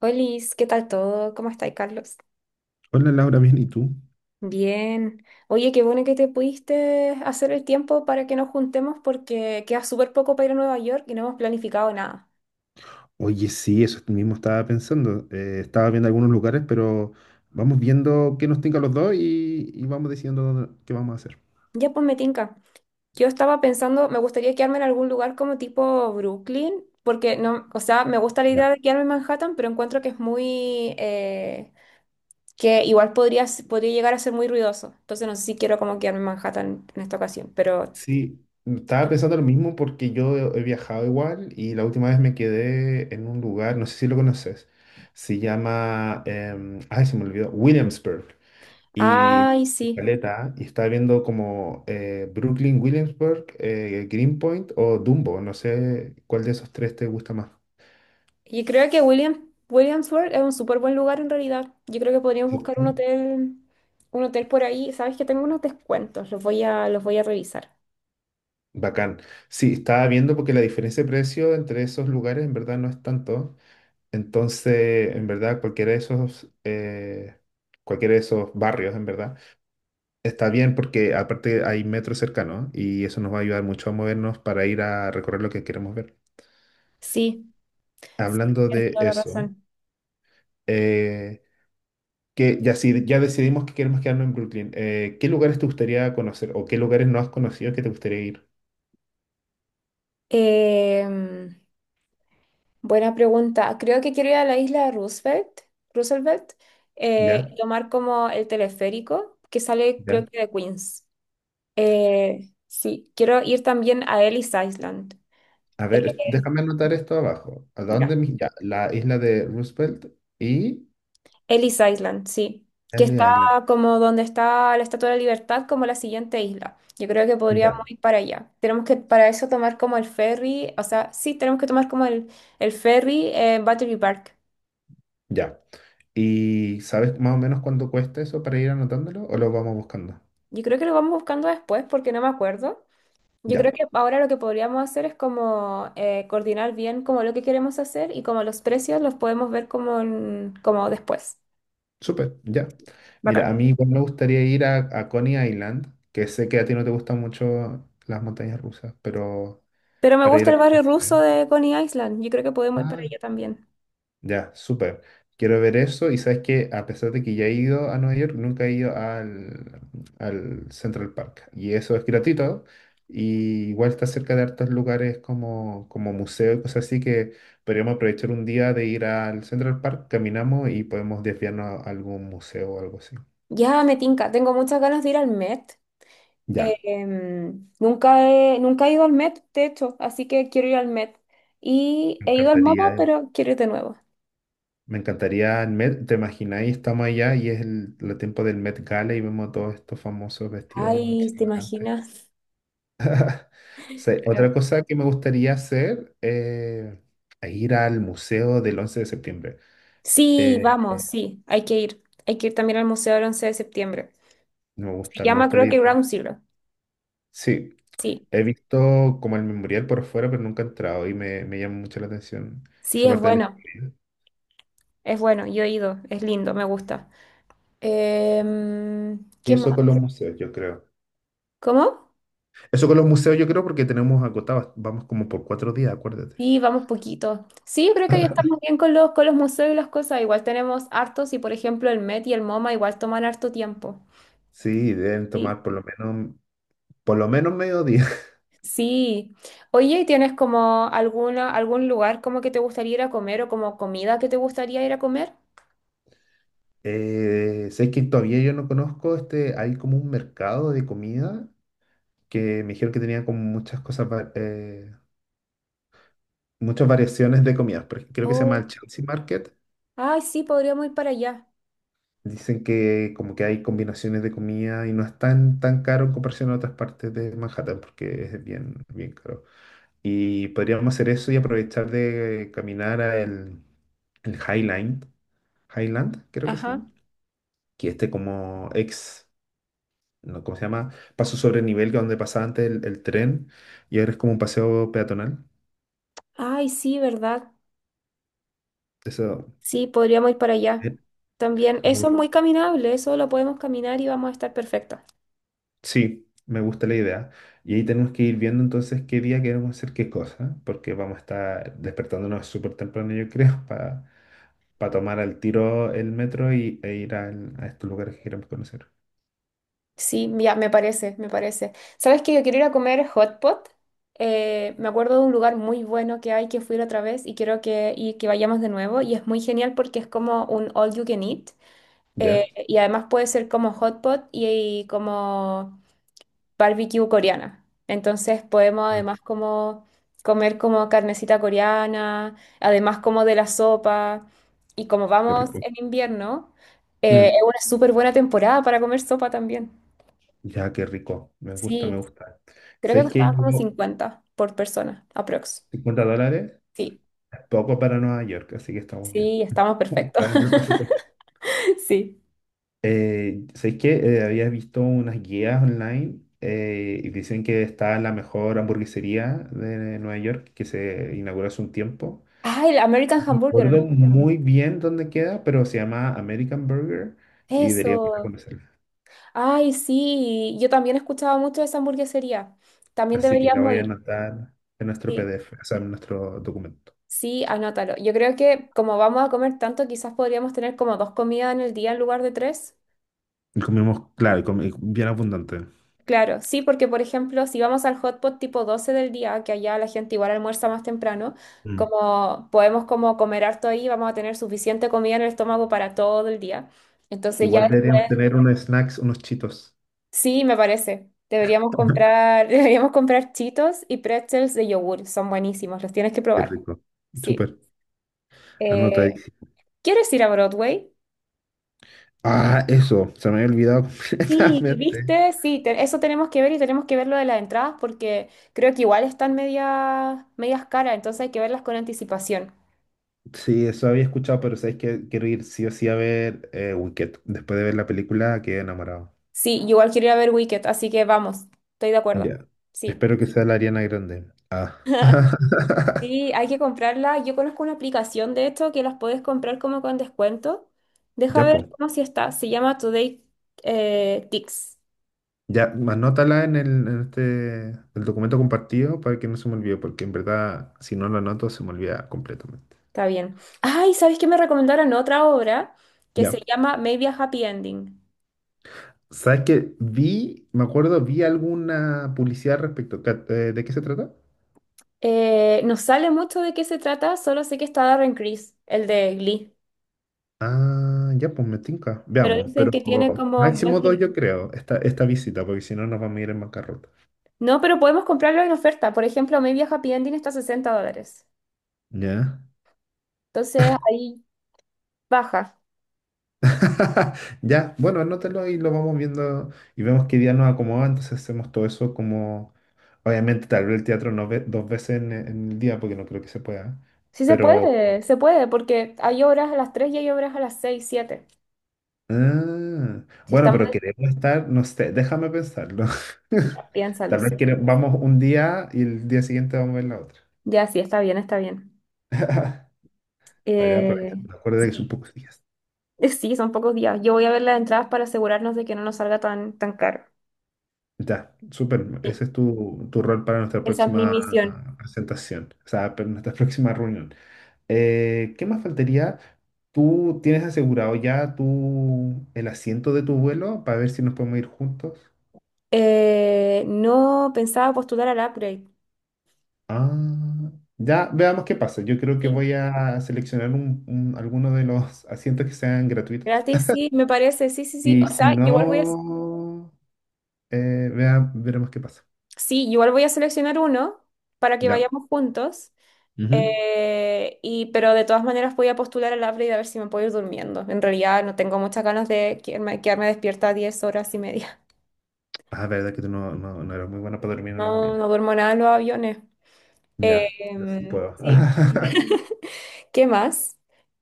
Olis, ¿qué tal todo? ¿Cómo estáis, Carlos? Hola Laura, bien, ¿y tú? Bien. Oye, qué bueno que te pudiste hacer el tiempo para que nos juntemos porque queda súper poco para ir a Nueva York y no hemos planificado nada. Oye, sí, eso mismo estaba pensando. Estaba viendo algunos lugares, pero vamos viendo qué nos tinca a los dos y vamos decidiendo qué vamos a hacer. Ya pues me tinca. Yo estaba pensando, me gustaría quedarme en algún lugar como tipo Brooklyn, porque no, o sea, me gusta la idea Ya. de quedarme en Manhattan, pero encuentro que es muy, que igual podría, podría llegar a ser muy ruidoso. Entonces no sé si quiero como quedarme en Manhattan en esta ocasión, pero. Sí, estaba pensando lo mismo porque yo he viajado igual y la última vez me quedé en un lugar, no sé si lo conoces, se llama, ay, se me olvidó, Williamsburg. Y Ay, sí. caleta, y estaba viendo como Brooklyn, Williamsburg, Greenpoint o Dumbo, no sé cuál de esos tres te gusta más. Yo creo que Williamsburg es un súper buen lugar en realidad. Yo creo que podríamos buscar ¿Cierto? Un hotel por ahí. Sabes que tengo unos descuentos, los voy a revisar. Bacán. Sí, estaba viendo porque la diferencia de precio entre esos lugares en verdad no es tanto. Entonces, en verdad, cualquiera de esos barrios, en verdad, está bien porque aparte hay metro cercano y eso nos va a ayudar mucho a movernos para ir a recorrer lo que queremos ver. Sí, sí, Hablando tienes de toda la eso, razón. eh, que ya, si, ya decidimos que queremos quedarnos en Brooklyn, ¿qué lugares te gustaría conocer o qué lugares no has conocido que te gustaría ir? Em, buena pregunta. Creo que quiero ir a la isla de Roosevelt, Roosevelt, ¿Ya? y tomar como el teleférico que sale, ¿Ya? creo que de Queens. Sí, quiero ir también a Ellis Island. A Eh, ver, déjame anotar esto abajo. ¿A dónde? ya. Ya, la isla de Roosevelt y Ellis Island, sí, que Ellis está Island. como donde está la Estatua de la Libertad, como la siguiente isla. Yo creo que podríamos Ya, ir para allá. Tenemos que para eso tomar como el ferry, o sea, sí, tenemos que tomar como el ferry en Battery Park. ya. ¿Y sabes más o menos cuánto cuesta eso para ir anotándolo o lo vamos buscando? Yo creo que lo vamos buscando después porque no me acuerdo. Yo creo Ya, que ahora lo que podríamos hacer es como coordinar bien como lo que queremos hacer y como los precios los podemos ver como, como después. súper, ya. Mira, Bacán. a mí igual me gustaría ir a Coney Island, que sé que a ti no te gustan mucho las montañas rusas, pero Pero me para gusta ir a... el barrio ruso de Coney Island. Yo creo que podemos ir para Ah, allá también. ya, súper. Quiero ver eso. Y sabes que a pesar de que ya he ido a Nueva York, nunca he ido al Central Park. Y eso es gratuito. Y igual está cerca de hartos lugares como, como museo y cosas así que podríamos aprovechar un día de ir al Central Park, caminamos y podemos desviarnos a algún museo o algo así. Ya me tinca, tengo muchas ganas de ir al Met. Ya, Nunca he ido al Met, de hecho, así que quiero ir al Met. Y me he ido al encantaría. MoMA, pero quiero ir de nuevo. Me encantaría el Met, ¿te imagináis? Estamos allá y es el tiempo del Met Gala y vemos a todos estos famosos vestidos Ay, ¿te extravagantes. imaginas? Sí, Creo- otra cosa que me gustaría hacer es ir al museo del 11 de septiembre. Sí, Eh, vamos, sí, hay que ir. Hay que ir también al museo del 11 de septiembre. no me Se gusta, me llama, gusta la creo que idea. Ground Zero. Sí, Sí, he visto como el memorial por fuera, pero nunca he entrado y me llama mucho la atención sí, esa parte de la historia. es bueno, yo he ido, es lindo, me gusta. Y ¿Qué eso más? con los museos, yo creo. ¿Cómo? Eso con los museos, yo creo, porque tenemos agotados, vamos como por cuatro días, acuérdate. Sí, vamos poquito. Sí, yo creo que ahí estamos bien con con los museos y las cosas. Igual tenemos hartos y, por ejemplo, el Met y el MoMA igual toman harto tiempo. Sí, deben Sí. tomar por lo menos mediodía. Sí. Oye, ¿y tienes como algún lugar como que te gustaría ir a comer o como comida que te gustaría ir a comer? Sé que todavía yo no conozco este, hay como un mercado de comida que me dijeron que tenía como muchas cosas, muchas variaciones de comidas. Por ejemplo, creo que se llama Oh, el Chelsea Market. ay, sí, podríamos ir para allá. Dicen que como que hay combinaciones de comida y no es tan, tan caro en comparación a otras partes de Manhattan porque es bien, bien caro. Y podríamos hacer eso y aprovechar de caminar a el Highland, Highland creo que se llama, Ajá. que este como ex, no, ¿cómo se llama? Paso sobre nivel que donde pasaba antes el tren y ahora es como un paseo peatonal. Ay, sí, ¿verdad? Eso, Sí, podríamos ir para allá. ¿eh? También, Y me eso es muy caminable, eso lo podemos caminar y vamos a estar perfectos. Sí, me gusta la idea. Y ahí tenemos que ir viendo entonces qué día queremos hacer qué cosa, porque vamos a estar despertándonos súper temprano, yo creo, para tomar al tiro el metro e ir a estos lugares que queremos conocer. Sí, ya, me parece, me parece. ¿Sabes que yo quiero ir a comer hot pot? Me acuerdo de un lugar muy bueno que hay que fui la otra vez y quiero y que vayamos de nuevo. Y es muy genial porque es como un all you can eat. ¿Ya? Y además puede ser como hot pot y como barbecue coreana. Entonces podemos Ah, además como comer como carnecita coreana, además como de la sopa. Y como qué vamos rico. en invierno, Mm, es una súper buena temporada para comer sopa también. ya, qué rico. Me gusta, me Sí. gusta. Creo que ¿Sabéis que costaba como yo 50 por persona, aprox. 50 dólares Sí, es poco para Nueva York, así que estamos bien. sí, estamos perfectos. Está dentro del presupuesto. Sí. ¿Sabéis qué? Había visto unas guías online y dicen que está la mejor hamburguesería de Nueva York que se inauguró hace un tiempo. Ay, el American No Hamburger, ¿no? recuerdo muy bien dónde queda, pero se llama American Burger y deberíamos ir a Eso. conocerla. Ay, sí. Yo también escuchaba mucho de esa hamburguesería. También Así que la deberíamos voy a ir. anotar en nuestro Sí, PDF, o sea, en nuestro documento. sí, anótalo. Yo creo que como vamos a comer tanto, quizás podríamos tener como dos comidas en el día en lugar de tres. Y comimos, claro, y bien abundante. Claro, sí, porque por ejemplo, si vamos al hot pot tipo 12 del día, que allá la gente igual almuerza más temprano, Mm. como podemos como comer harto ahí, vamos a tener suficiente comida en el estómago para todo el día. Entonces ya, Igual deberíamos tener unos snacks, unos chitos. sí, me parece. Deberíamos comprar, deberíamos comprar Cheetos y pretzels de yogur, son buenísimos, los tienes que Qué probar. rico. Sí. Súper. Anota ahí. Eh, ¿Quieres ir a Broadway? Ah, eso, se me había olvidado Sí, completamente. viste, sí, eso tenemos que ver y tenemos que ver lo de las entradas porque creo que igual están medias, medias caras, entonces hay que verlas con anticipación. Sí, eso había escuchado, pero sabes que quiero ir sí o sí a ver Wicked. Después de ver la película, quedé enamorado. Sí, yo igual quiero ir a ver Wicked, así que vamos, estoy de acuerdo. Ya. Sí. Espero que sea la Ariana Grande. Ah. Sí, hay que comprarla. Yo conozco una aplicación de esto que las puedes comprar como con descuento. Deja Ya, ver pues. cómo si está. Se llama Today Tix. Ya, anótala en este, el documento compartido para que no se me olvide, porque en verdad, si no lo anoto, se me olvida completamente. Está bien. Ay, ¿sabes qué me recomendaron otra obra que se Ya. llama Maybe a Happy Ending? ¿Sabes qué? Vi, me acuerdo, vi alguna publicidad al respecto. ¿De qué se trata? No sale mucho de qué se trata, solo sé que está Darren Criss, el de Glee. Ah, ya, pues me tinca. Pero Veamos, dicen pero que tiene como buen máximo dos final. yo creo, esta visita, porque si no nos vamos a ir en bancarrota. No, pero podemos comprarlo en oferta. Por ejemplo, Maybe a Happy Ending está a $60. Ya. Entonces ahí baja. Ya, bueno, anótalo y lo vamos viendo y vemos qué día nos acomoda, entonces hacemos todo eso como, obviamente tal vez el teatro no ve dos veces en el día, porque no creo que se pueda, Sí pero... se puede, porque hay obras a las 3 y hay obras a las 6 7. ah, Si bueno, está mal, pero queremos estar, no sé, déjame pensarlo. piénsalo, Tal vez sí. Vamos un día y el día siguiente vamos a ver la otra. Ya, sí, está bien, está bien. Para Eh, aprovechar, acuérdate que es un sí. poco día. Sí, son pocos días. Yo voy a ver las entradas para asegurarnos de que no nos salga tan, tan caro. Ya, súper. Sí, Ese es tu rol para nuestra esa es mi próxima misión. presentación, o sea, para nuestra próxima reunión. ¿Qué más faltaría? ¿Tú tienes asegurado ya tu, el asiento de tu vuelo para ver si nos podemos ir juntos? No pensaba postular al upgrade. Ah, ya, veamos qué pasa. Yo creo que Sí, voy a seleccionar alguno de los asientos que sean gratuitos. gratis, sí, me parece, sí, sí, sí. Y O si sea, igual voy a, no, veremos qué pasa. sí, igual voy a seleccionar uno para que Ya. vayamos juntos. Ujú. Pero de todas maneras voy a postular al APRE y a ver si me puedo ir durmiendo. En realidad no tengo muchas ganas de quedarme despierta 10 horas y media. Ah, verdad que tú no, no, no eras muy buena para dormir en los No, aviones. no duermo nada en los aviones. Ya, yo sí puedo. Sí. ¿Qué más?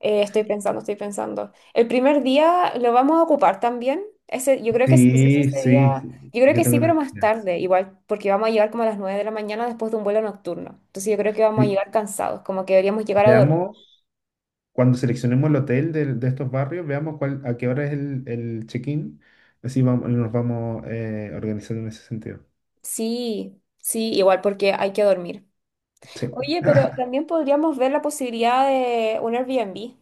Estoy pensando, estoy pensando. El primer día lo vamos a ocupar también. Ese, yo creo que sí, sí, Sí, ese sí, día, sí, yo creo yo que tengo sí, pero una... más ya. tarde, igual, porque vamos a llegar como a las 9 de la mañana después de un vuelo nocturno. Entonces yo creo que vamos a Sí, llegar cansados, como que deberíamos llegar a dormir. veamos, cuando seleccionemos el hotel de estos barrios, veamos cuál, a qué hora es el check-in. Así vamos, nos vamos organizando en ese sentido. Sí, sí, igual porque hay que dormir. Sí. Oye, pero también podríamos ver la posibilidad de un Airbnb.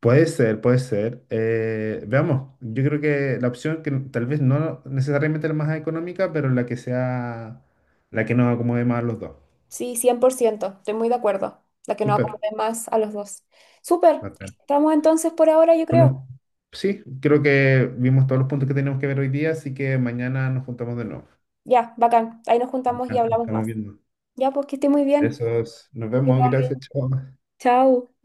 Puede ser, puede ser. Veamos, yo creo que la opción que tal vez no necesariamente la más económica, pero la que sea, la que nos acomode más a los dos. Sí, 100%, estoy muy de acuerdo. La que nos Súper. acomode más a los dos. Súper, estamos entonces por ahora, yo Bueno, creo. sí, creo que vimos todos los puntos que teníamos que ver hoy día, así que mañana nos juntamos de nuevo. Ya, bacán. Ahí nos juntamos Ah, y nos hablamos estamos más. viendo. Ya, pues que esté muy bien. Besos. Nos vemos. Igual, Gracias. Chao. Chao.